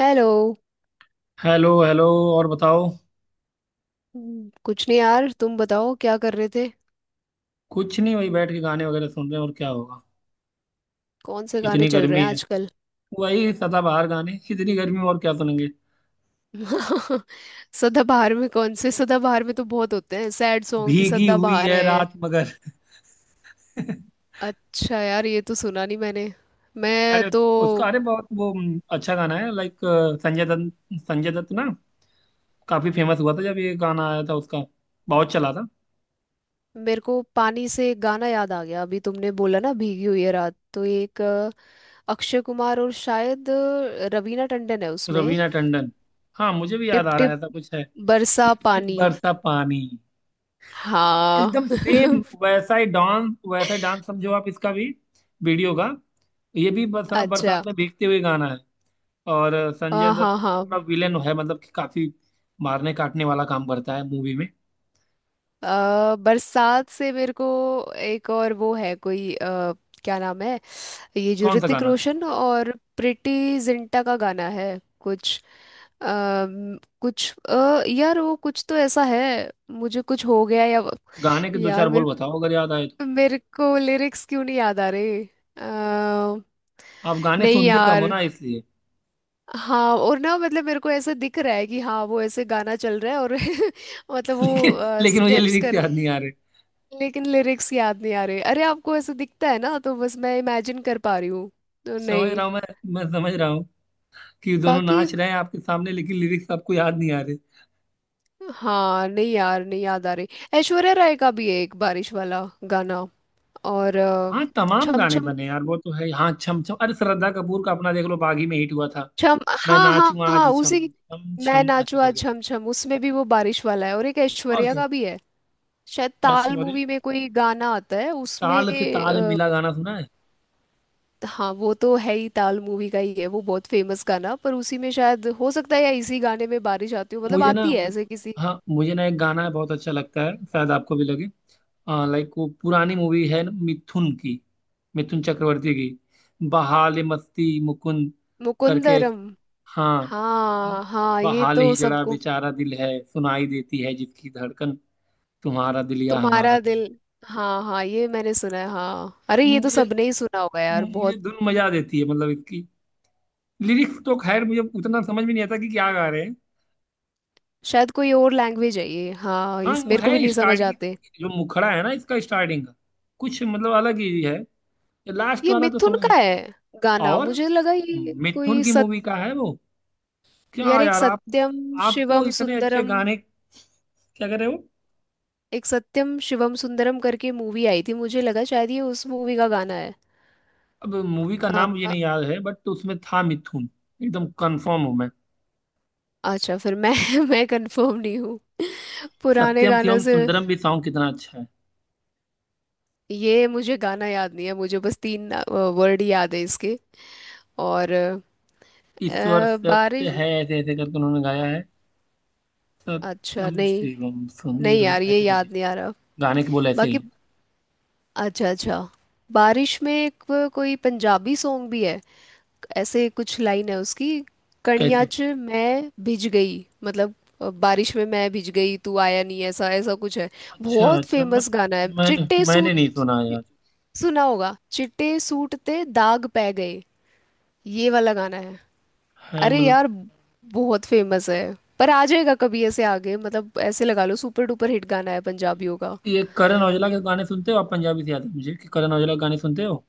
Hello. Hello hello. और बताओ। कुछ नहीं यार, तुम बताओ क्या कर रहे थे। कुछ नहीं, वही बैठ के गाने वगैरह सुन रहे हैं, और क्या होगा। कौन से गाने इतनी चल रहे गर्मी हैं है। आजकल? वही सदाबहार गाने, इतनी गर्मी में और क्या सुनेंगे। सदाबहार में कौन से? सदाबहार में तो बहुत होते हैं, सैड सॉन्ग भी भीगी हुई सदाबहार है हैं। रात मगर। अच्छा यार, ये तो सुना नहीं मैंने। मैं अरे तो... उसका, अरे बहुत वो अच्छा गाना है। लाइक संजय दत्त, संजय दत्त ना। काफी फेमस हुआ था जब ये गाना आया था उसका। बहुत चला था। मेरे को पानी से एक गाना याद आ गया अभी, तुमने बोला ना भीगी हुई है रात, तो एक अक्षय कुमार और शायद रवीना टंडन है उसमें। रवीना टंडन। हाँ, मुझे भी याद टिप आ रहा है, टिप ऐसा कुछ है। बरसा टिप टिप पानी। बरसा पानी। हाँ। एकदम सेम। वैसा ही डांस, वैसा ही डांस, समझो आप इसका भी। वीडियो का। ये भी बरसात बरसात अच्छा। में भीगते हुए गाना है। और संजय हाँ दत्त हाँ इसमें हाँ। थोड़ा विलेन है, मतलब कि काफी मारने काटने वाला काम करता है मूवी में। बरसात से मेरे को एक और वो है कोई क्या नाम है, ये जो कौन सा ऋतिक गाना। रोशन और प्रीटी जिंटा का गाना है, कुछ कुछ यार वो कुछ तो ऐसा है, मुझे कुछ हो गया या... गाने के दो यार चार बोल मेरे बताओ अगर याद आए तो। मेरे को लिरिक्स क्यों नहीं याद आ रहे? अ, आप गाने नहीं सुनते कम हो यार। ना, इसलिए। हाँ, और ना मतलब मेरे को ऐसा दिख रहा है कि हाँ, वो ऐसे गाना चल रहा है और मतलब लेकिन वो लेकिन मुझे स्टेप्स लिरिक्स कर... याद नहीं आ रहे। लेकिन लिरिक्स याद नहीं आ रहे। अरे, आपको ऐसा दिखता है ना, तो बस मैं इमेजिन कर पा रही हूँ तो। समझ नहीं। रहा हूँ मैं समझ रहा हूँ कि दोनों बाकी... नाच रहे हैं आपके सामने, लेकिन लिरिक्स आपको याद नहीं आ रहे। हाँ, नहीं यार, नहीं याद आ रही। ऐश्वर्या राय का भी है एक बारिश वाला गाना। और हाँ तमाम छम गाने छम बने यार, वो तो है। हाँ छम छम, अरे श्रद्धा कपूर का अपना देख लो, बागी में हिट हुआ था। छम। मैं हाँ हाँ नाचूं हाँ, आज छम उसी। छम मैं छम ऐसा नाचुआ करके। छम छम, उसमें भी वो बारिश वाला है, और एक और ऐश्वर्या क्या। का भी है, शायद ताल ऐश्वर्या। मूवी में कोई गाना आता है उसमें। ताल से ताल मिला गाना सुना है। हाँ, वो तो है ही, ताल मूवी का ही है वो, बहुत फेमस गाना। पर उसी में शायद हो सकता है या इसी गाने में बारिश आती हो, मतलब मुझे ना आती है मु- ऐसे किसी... हाँ मुझे ना, एक गाना बहुत अच्छा लगता है, शायद आपको भी लगे। लाइक वो पुरानी मूवी है ना, मिथुन की। मिथुन चक्रवर्ती की बहाल मस्ती मुकुंद करके। मुकुंदरम। हाँ। हाँ हाँ, ये बहाल तो ही जड़ा सबको... बेचारा दिल है, सुनाई देती है जिसकी धड़कन, तुम्हारा दिल या हमारा तुम्हारा दिल। दिल। हाँ हाँ, ये मैंने सुना है। हाँ, अरे ये तो मुझे सबने ही सुना होगा यार, मुझे बहुत... धुन मजा देती है मतलब इसकी। लिरिक्स तो खैर मुझे उतना समझ में नहीं आता कि क्या गा रहे हैं। शायद कोई और लैंग्वेज है ये, हाँ हाँ इस... वो मेरे को भी है नहीं समझ स्टार्ट की, आते। जो मुखड़ा है ना इसका स्टार्टिंग का, कुछ मतलब अलग ही है। लास्ट ये वाला तो मिथुन समझ में। का है गाना, और मुझे लगा ये मिथुन कोई की सत... मूवी का है वो। क्या यार एक यार आप, सत्यम आपको शिवम इतने अच्छे सुंदरम, गाने, क्या कह रहे हो। एक सत्यम शिवम सुंदरम करके मूवी आई थी, मुझे लगा शायद ये उस मूवी का गाना है। अब मूवी का अ, नाम मुझे अ, नहीं याद है, बट उसमें था मिथुन। एकदम कंफर्म हूं मैं। अच्छा। फिर मैं मैं कंफर्म नहीं हूँ, पुराने सत्यम गानों शिवम से। सुंदरम भी सॉन्ग कितना अच्छा है। ये मुझे गाना याद नहीं है, मुझे बस तीन वर्ड याद है इसके। और ईश्वर सत्य बारिश... है, ऐसे ऐसे करके उन्होंने गाया है। अच्छा। सत्यम नहीं शिवम नहीं सुंदर यार, ये ऐसे करके। याद नहीं आ रहा। गाने के बोल ऐसे ही बाकी... हैं। अच्छा अच्छा। बारिश में एक कोई पंजाबी सॉन्ग भी है, ऐसे कुछ लाइन है उसकी, "कणिया कैसे। च मैं भिज गई"। मतलब बारिश में मैं भिज गई, तू आया नहीं, ऐसा ऐसा कुछ है। अच्छा बहुत अच्छा मैं, फेमस गाना है, मैंने चिट्टे मैंने नहीं सूट। सुना यार। सुना होगा, "चिट्टे सूट ते दाग पै गए", ये वाला गाना है। है अरे मतलब। यार, बहुत फेमस है। पर आ जाएगा कभी ऐसे आगे, मतलब ऐसे लगा लो सुपर डुपर हिट गाना है पंजाबियों का। ये करण औजला के गाने सुनते हो आप? पंजाबी से याद है मुझे कि करण औजला के गाने सुनते हो।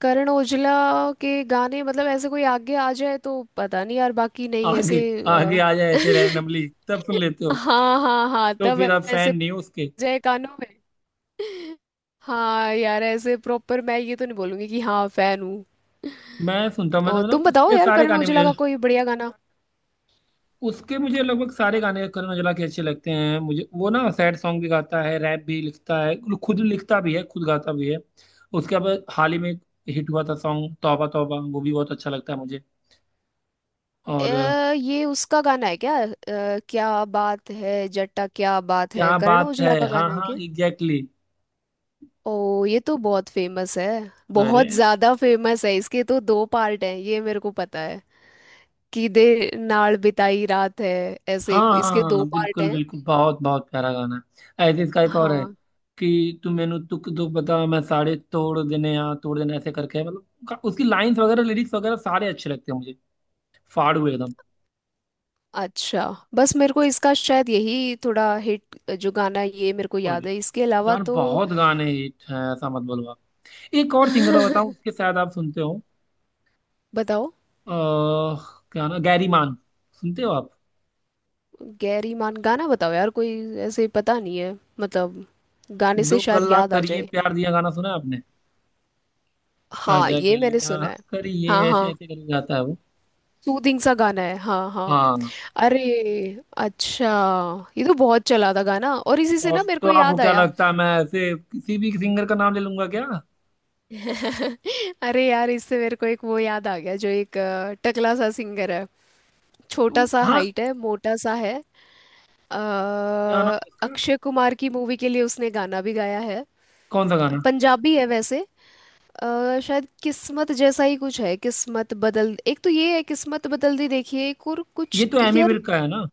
करण ओजला के गाने मतलब ऐसे कोई आगे आ जाए तो पता नहीं यार, बाकी नहीं ऐसे आगे, आगे आ जाए ऐसे रैंडमली, तब सुन लेते हो? हाँ हाँ हाँ, तो तब फिर आप ऐसे फैन नहीं हो पड़ उसके। जाए कानों में। हाँ यार, ऐसे प्रॉपर मैं ये तो नहीं बोलूंगी कि हाँ फैन हूँ। मैं सुनता हूँ, मतलब और तुम मतलब बताओ उसके यार, सारे करण गाने औजला मुझे। का कोई बढ़िया गाना? उसके, मुझे लगभग सारे गाने करण औजला के अच्छे लगते हैं, मुझे वो ना सैड सॉन्ग भी गाता है, रैप भी लिखता है, खुद लिखता भी है खुद गाता भी है। उसके बाद हाल ही में हिट हुआ था सॉन्ग तौबा तौबा, वो भी बहुत अच्छा लगता है मुझे। और ये उसका गाना है क्या? क्या बात है जट्टा, क्या बात है, क्या करण बात है, औजला का हाँ गाना है हाँ क्या? एग्जैक्टली। ओ, ये तो बहुत फेमस है, बहुत अरे। ज्यादा फेमस है। इसके तो दो पार्ट हैं, ये मेरे को पता है, कि "दे नाल बिताई रात है"। ऐसे हाँ इसके हाँ दो हाँ, पार्ट बिल्कुल हैं। बिल्कुल, बहुत बहुत प्यारा गाना है। ऐसे इसका एक और है हाँ। कि तू मैनू तुक दुख बता, मैं साड़े तोड़ देने, यहाँ तोड़ देने, ऐसे करके है। मतलब उसकी लाइंस वगैरह, लिरिक्स वगैरह सारे अच्छे लगते हैं मुझे। फाड़ हुए एकदम। अच्छा। बस मेरे को इसका शायद यही थोड़ा हिट जो गाना है, ये मेरे को याद है, इसके अलावा यार तो... बहुत गाने हिट हैं, ऐसा मत बोलो आप। एक और सिंगर मैं बताऊं, उसके शायद आप सुनते हो। बताओ। अह क्या ना, गैरी मान सुनते हो आप? गैरी मान, गाना बताओ यार कोई, ऐसे पता नहीं है, मतलब गाने से दो शायद गल्ला याद आ करिए जाए। प्यार दिया, गाना सुना है आपने? हाँ आजा ये मैंने सुना गल्ला है। करिए हाँ ऐसे हाँ, ऐसे करके गाता है वो। सूदिंग सा गाना है। हाँ हाँ। हाँ। अरे, अच्छा, ये तो बहुत चला था गाना, और इसी से और ना मेरे तो को आपको याद क्या आया लगता है, मैं ऐसे किसी भी सिंगर का नाम ले लूंगा क्या। अरे यार, इससे मेरे को एक वो याद आ गया, जो एक टकला सा सिंगर है, छोटा तो, सा हाँ हाइट है, मोटा सा है। क्या नाम है उसका, अक्षय कुमार की मूवी के लिए उसने गाना भी गाया है, कौन सा गाना। पंजाबी है वैसे। शायद किस्मत जैसा ही कुछ है, किस्मत बदल... एक तो ये है "किस्मत बदल दी देखिए", एक और ये कुछ तो तो एमी यार... विर्क का है ना।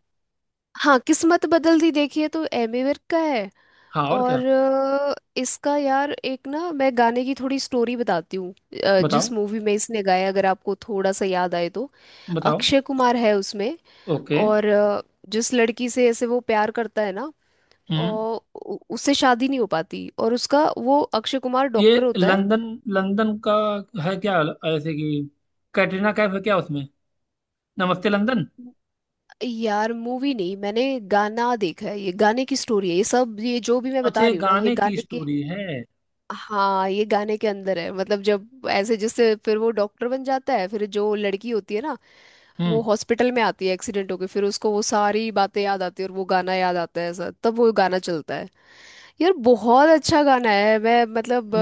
हाँ, "किस्मत बदल दी देखिए" तो एमी विर्क का है। हाँ और और क्या। इसका यार, एक ना मैं गाने की थोड़ी स्टोरी बताती हूँ। जिस बताओ मूवी में इसने गाया, अगर आपको थोड़ा सा याद आए तो, बताओ। अक्षय कुमार है उसमें। ओके। और जिस लड़की से ऐसे वो प्यार करता है ना, हम्म। और उससे शादी नहीं हो पाती, और उसका वो अक्षय कुमार ये डॉक्टर होता है। लंदन, लंदन का है क्या, ऐसे कि कैटरीना कैफ है क्या उसमें, नमस्ते लंदन। यार, मूवी नहीं मैंने गाना देखा है, ये गाने की स्टोरी है ये सब, ये जो भी मैं अच्छा बता ये रही हूँ ना, ये गाने की गाने के... स्टोरी है। हाँ, ये गाने के अंदर है, मतलब जब ऐसे जिससे फिर वो डॉक्टर बन जाता है, फिर जो लड़की होती है ना, वो हम्म। हॉस्पिटल में आती है एक्सीडेंट होके, फिर उसको वो सारी बातें याद आती है और वो गाना याद आता है, ऐसा तब वो गाना चलता है। यार बहुत अच्छा गाना है, मैं मतलब... म-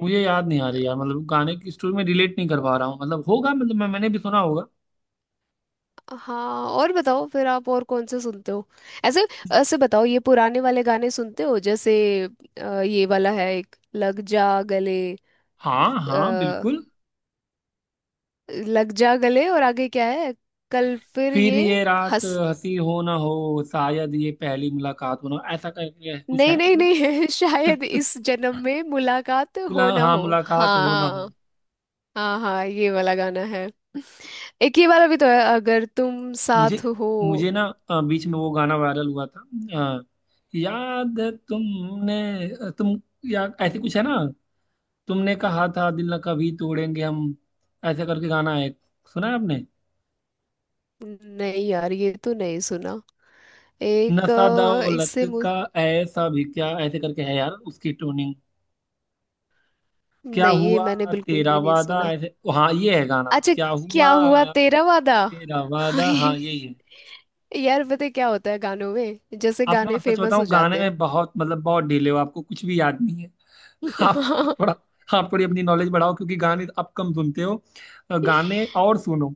मुझे याद नहीं आ रही यार, मतलब गाने की स्टोरी में रिलेट नहीं कर पा रहा हूँ, मतलब होगा, मतलब मैंने भी सुना होगा। हाँ, और बताओ फिर आप और कौन से सुनते हो, ऐसे ऐसे बताओ। ये पुराने वाले गाने सुनते हो जैसे ये वाला है, एक "लग जा गले"। हाँ हाँ अ, बिल्कुल। "लग जा गले" और आगे क्या है, कल फिर फिर ये ये रात हंस... हंसी हो ना हो, शायद ये पहली मुलाकात हो ना हो, ऐसा करके कुछ नहीं है। नहीं नहीं शायद "इस जन्म में मुलाकात हो ना हाँ हो", मुलाकात हो ना हो। हाँ हाँ हाँ ये वाला गाना है। एक ये वाला भी तो है "अगर तुम मुझे साथ हो"। मुझे ना बीच में वो गाना वायरल हुआ था। अ, याद है तुमने, तुम या ऐसे कुछ है ना। तुमने कहा था दिल न कभी तोड़ेंगे हम, ऐसे करके गाना है। सुना है आपने? नहीं यार, ये तो नहीं सुना। एक नशा दौलत इससे... का, ऐसा भी क्या ऐसे करके है यार उसकी ट्यूनिंग। क्या नहीं, ये हुआ मैंने बिल्कुल तेरा भी नहीं वादा, सुना। ऐसे हाँ ये है गाना, अच्छा, क्या "क्या हुआ हुआ तेरा वादा"। तेरा वादा, हाँ ये- यही है। यार पता है क्या होता है गानों में, जैसे आप ना गाने सच फेमस बताऊं, हो गाने जाते हैं। में बहुत मतलब बहुत डिले हो, आपको कुछ भी याद नहीं है। आप आप थोड़ा आप थोड़ी अपनी नॉलेज बढ़ाओ, क्योंकि गाने आप कम सुनते हो। गाने और सुनो,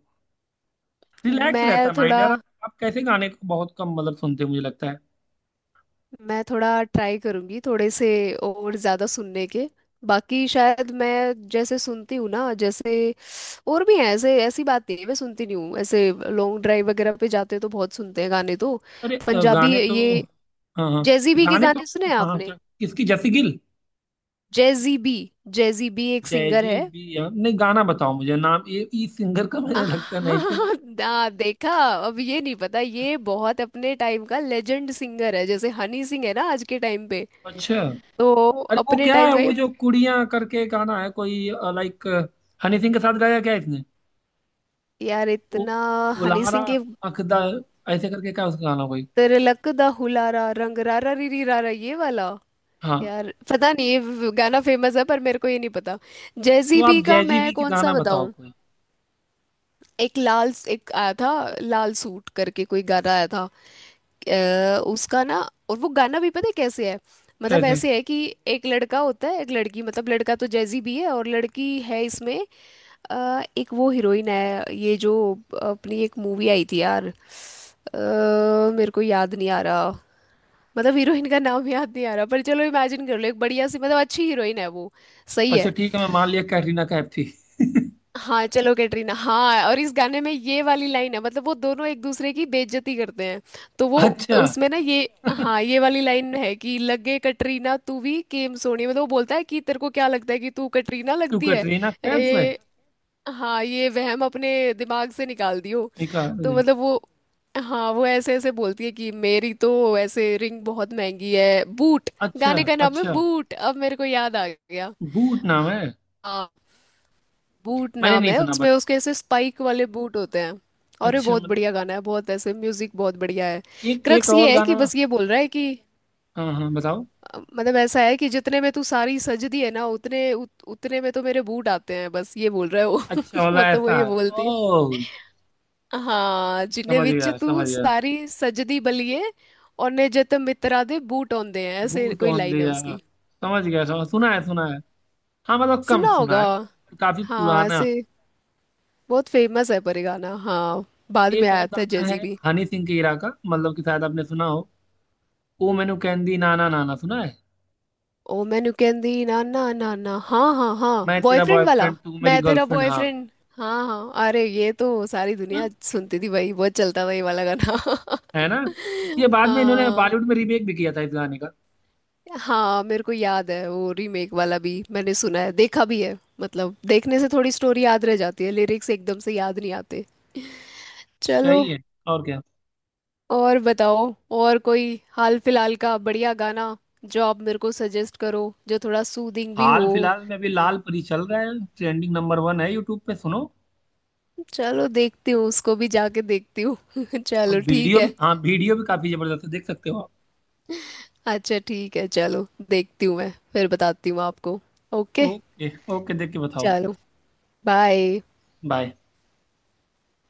रिलैक्स रहता मैं है माइंड थोड़ा यार। आप कैसे, गाने को बहुत कम मतलब सुनते हो, मुझे लगता है। मैं थोड़ा ट्राई करूंगी, थोड़े से और ज्यादा सुनने के। बाकी शायद मैं जैसे सुनती हूँ ना, जैसे और भी हैं ऐसे, ऐसी बात नहीं है मैं सुनती नहीं हूँ, ऐसे लॉन्ग ड्राइव वगैरह पे जाते हैं तो बहुत सुनते हैं गाने तो। अरे पंजाबी गाने तो, ये, हाँ हाँ जैजी बी के गाने तो, गाने सुने हैं हाँ आपने? क्या, किसकी जैसी Gill. Jazzy B, Jazzy B एक जय सिंगर जी है। भी हाँ। नहीं गाना बताओ मुझे, नाम ये इस सिंगर का मैंने लगता है नहीं सुना। हाँ, ना देखा, अब ये नहीं पता। ये बहुत अपने टाइम का लेजेंड सिंगर है, जैसे हनी सिंह है ना आज के टाइम पे। अच्छा। तो अरे वो अपने क्या टाइम है, का वो ये... जो कुड़ियाँ करके गाना है कोई, लाइक हनी सिंह के साथ गाया क्या इसने? यार ओ, इतना... हनी उलारा सिंह के... अखदा ऐसे करके क्या उसका गाना कोई। तिलक दा हुलारा रंग रारा रीरी रारा ये वाला? हाँ यार पता नहीं ये गाना फेमस है पर मेरे को ये नहीं पता। तो जेजी बी आप का जैजी मैं बी की कौन सा गाना बताओ बताऊं? कोई। एक लाल, एक आया था, लाल सूट करके कोई गाना आया था उसका ना। और वो गाना भी पता है कैसे है, मतलब कैसे। ऐसे है कि एक लड़का होता है एक लड़की, मतलब लड़का तो जैजी भी है और लड़की है इसमें एक वो हीरोइन है, ये जो अपनी एक मूवी आई थी यार, मेरे को याद नहीं आ रहा, मतलब हीरोइन का नाम याद नहीं आ रहा, पर चलो इमेजिन कर लो, एक बढ़िया सी मतलब अच्छी हीरोइन है वो। सही अच्छा है। ठीक है, मैं मान लिया कैटरीना कैफ थी। हाँ चलो कैटरीना। हाँ, और इस गाने में ये वाली लाइन है, मतलब वो दोनों एक दूसरे की बेइज्जती करते हैं, तो वो अच्छा, उसमें ना, ये... हाँ ये वाली लाइन है कि "लगे कटरीना तू भी केम सोनी", मतलब वो बोलता है कि तेरे को क्या लगता है कि तू कटरीना तू लगती है? कैटरीना कैफ है। ए, हाँ ये वहम अपने दिमाग से निकाल दियो। निकाल तो ले। मतलब वो... हाँ वो ऐसे ऐसे बोलती है कि मेरी तो ऐसे रिंग बहुत महंगी है, बूट... अच्छा गाने का नाम है अच्छा। बूट, अब मेरे को याद आ गया। बूट नाम है। हाँ। बूट मैंने नाम नहीं है, सुना बट, उसमें उसके ऐसे स्पाइक वाले बूट होते हैं। और ये अच्छा बहुत मतलब। बढ़िया गाना है, बहुत ऐसे म्यूजिक बहुत बढ़िया है। एक एक क्रक्स और ये है कि गाना। बस ये बोल रहा है कि हाँ हाँ बताओ। मतलब ऐसा है कि जितने में तू सारी सजदी है ना, उतने उतने में तो मेरे बूट आते हैं, बस ये बोल रहा है वो। अच्छा वाला मतलब वो ऐसा ये है। बोलती है। ओह। हाँ, "जिने समझ विच गया तू समझ गया। सारी सजदी बलिए और ने जत मित्रा दे बूट औंदे हैं", ऐसे बूट कोई ऑन लाइन है दिया। उसकी। समझ गया समझ सुना है सुना है, हाँ मतलब कम सुना होगा। सुना है। काफी हाँ पुराना। ऐसे बहुत फेमस है पर ये गाना। हाँ बाद में एक और आया था गाना जेजी है भी। हनी सिंह के इरा का, मतलब कि शायद आपने सुना हो। ओ मैनू कहंदी नाना नाना सुना है। "ओ मैं नुकेंदी ना ना ना ना", हाँ हाँ हाँ, मैं तेरा बॉयफ्रेंड वाला, बॉयफ्रेंड तू मेरी "मैं तेरा गर्लफ्रेंड हाँ। बॉयफ्रेंड"। हाँ हाँ, अरे ये तो सारी दुनिया हम्म। सुनती थी भाई, बहुत चलता था ये वाला गाना। है ना। ये बाद में इन्होंने हाँ बॉलीवुड में रीमेक भी किया था इस गाने का। हाँ मेरे को याद है, वो रीमेक वाला भी मैंने सुना है देखा भी है, मतलब देखने से थोड़ी स्टोरी याद रह जाती है, लिरिक्स एकदम से याद नहीं आते। चलो। सही है। और क्या। और बताओ, और कोई हाल फिलहाल का बढ़िया गाना जो आप मेरे को सजेस्ट करो, जो थोड़ा सूदिंग भी हाल हो। फिलहाल में अभी लाल परी चल रहा है, ट्रेंडिंग नंबर वन है यूट्यूब पे, सुनो। चलो देखती हूँ उसको भी, जाके देखती हूँ चलो अब ठीक वीडियो है। भी, हाँ वीडियो भी काफी जबरदस्त है, देख सकते हो आप। अच्छा ठीक है, चलो देखती हूँ, मैं फिर बताती हूँ आपको। ओके। ओके ओके, देख के बताओ। चलो। बाय। बाय।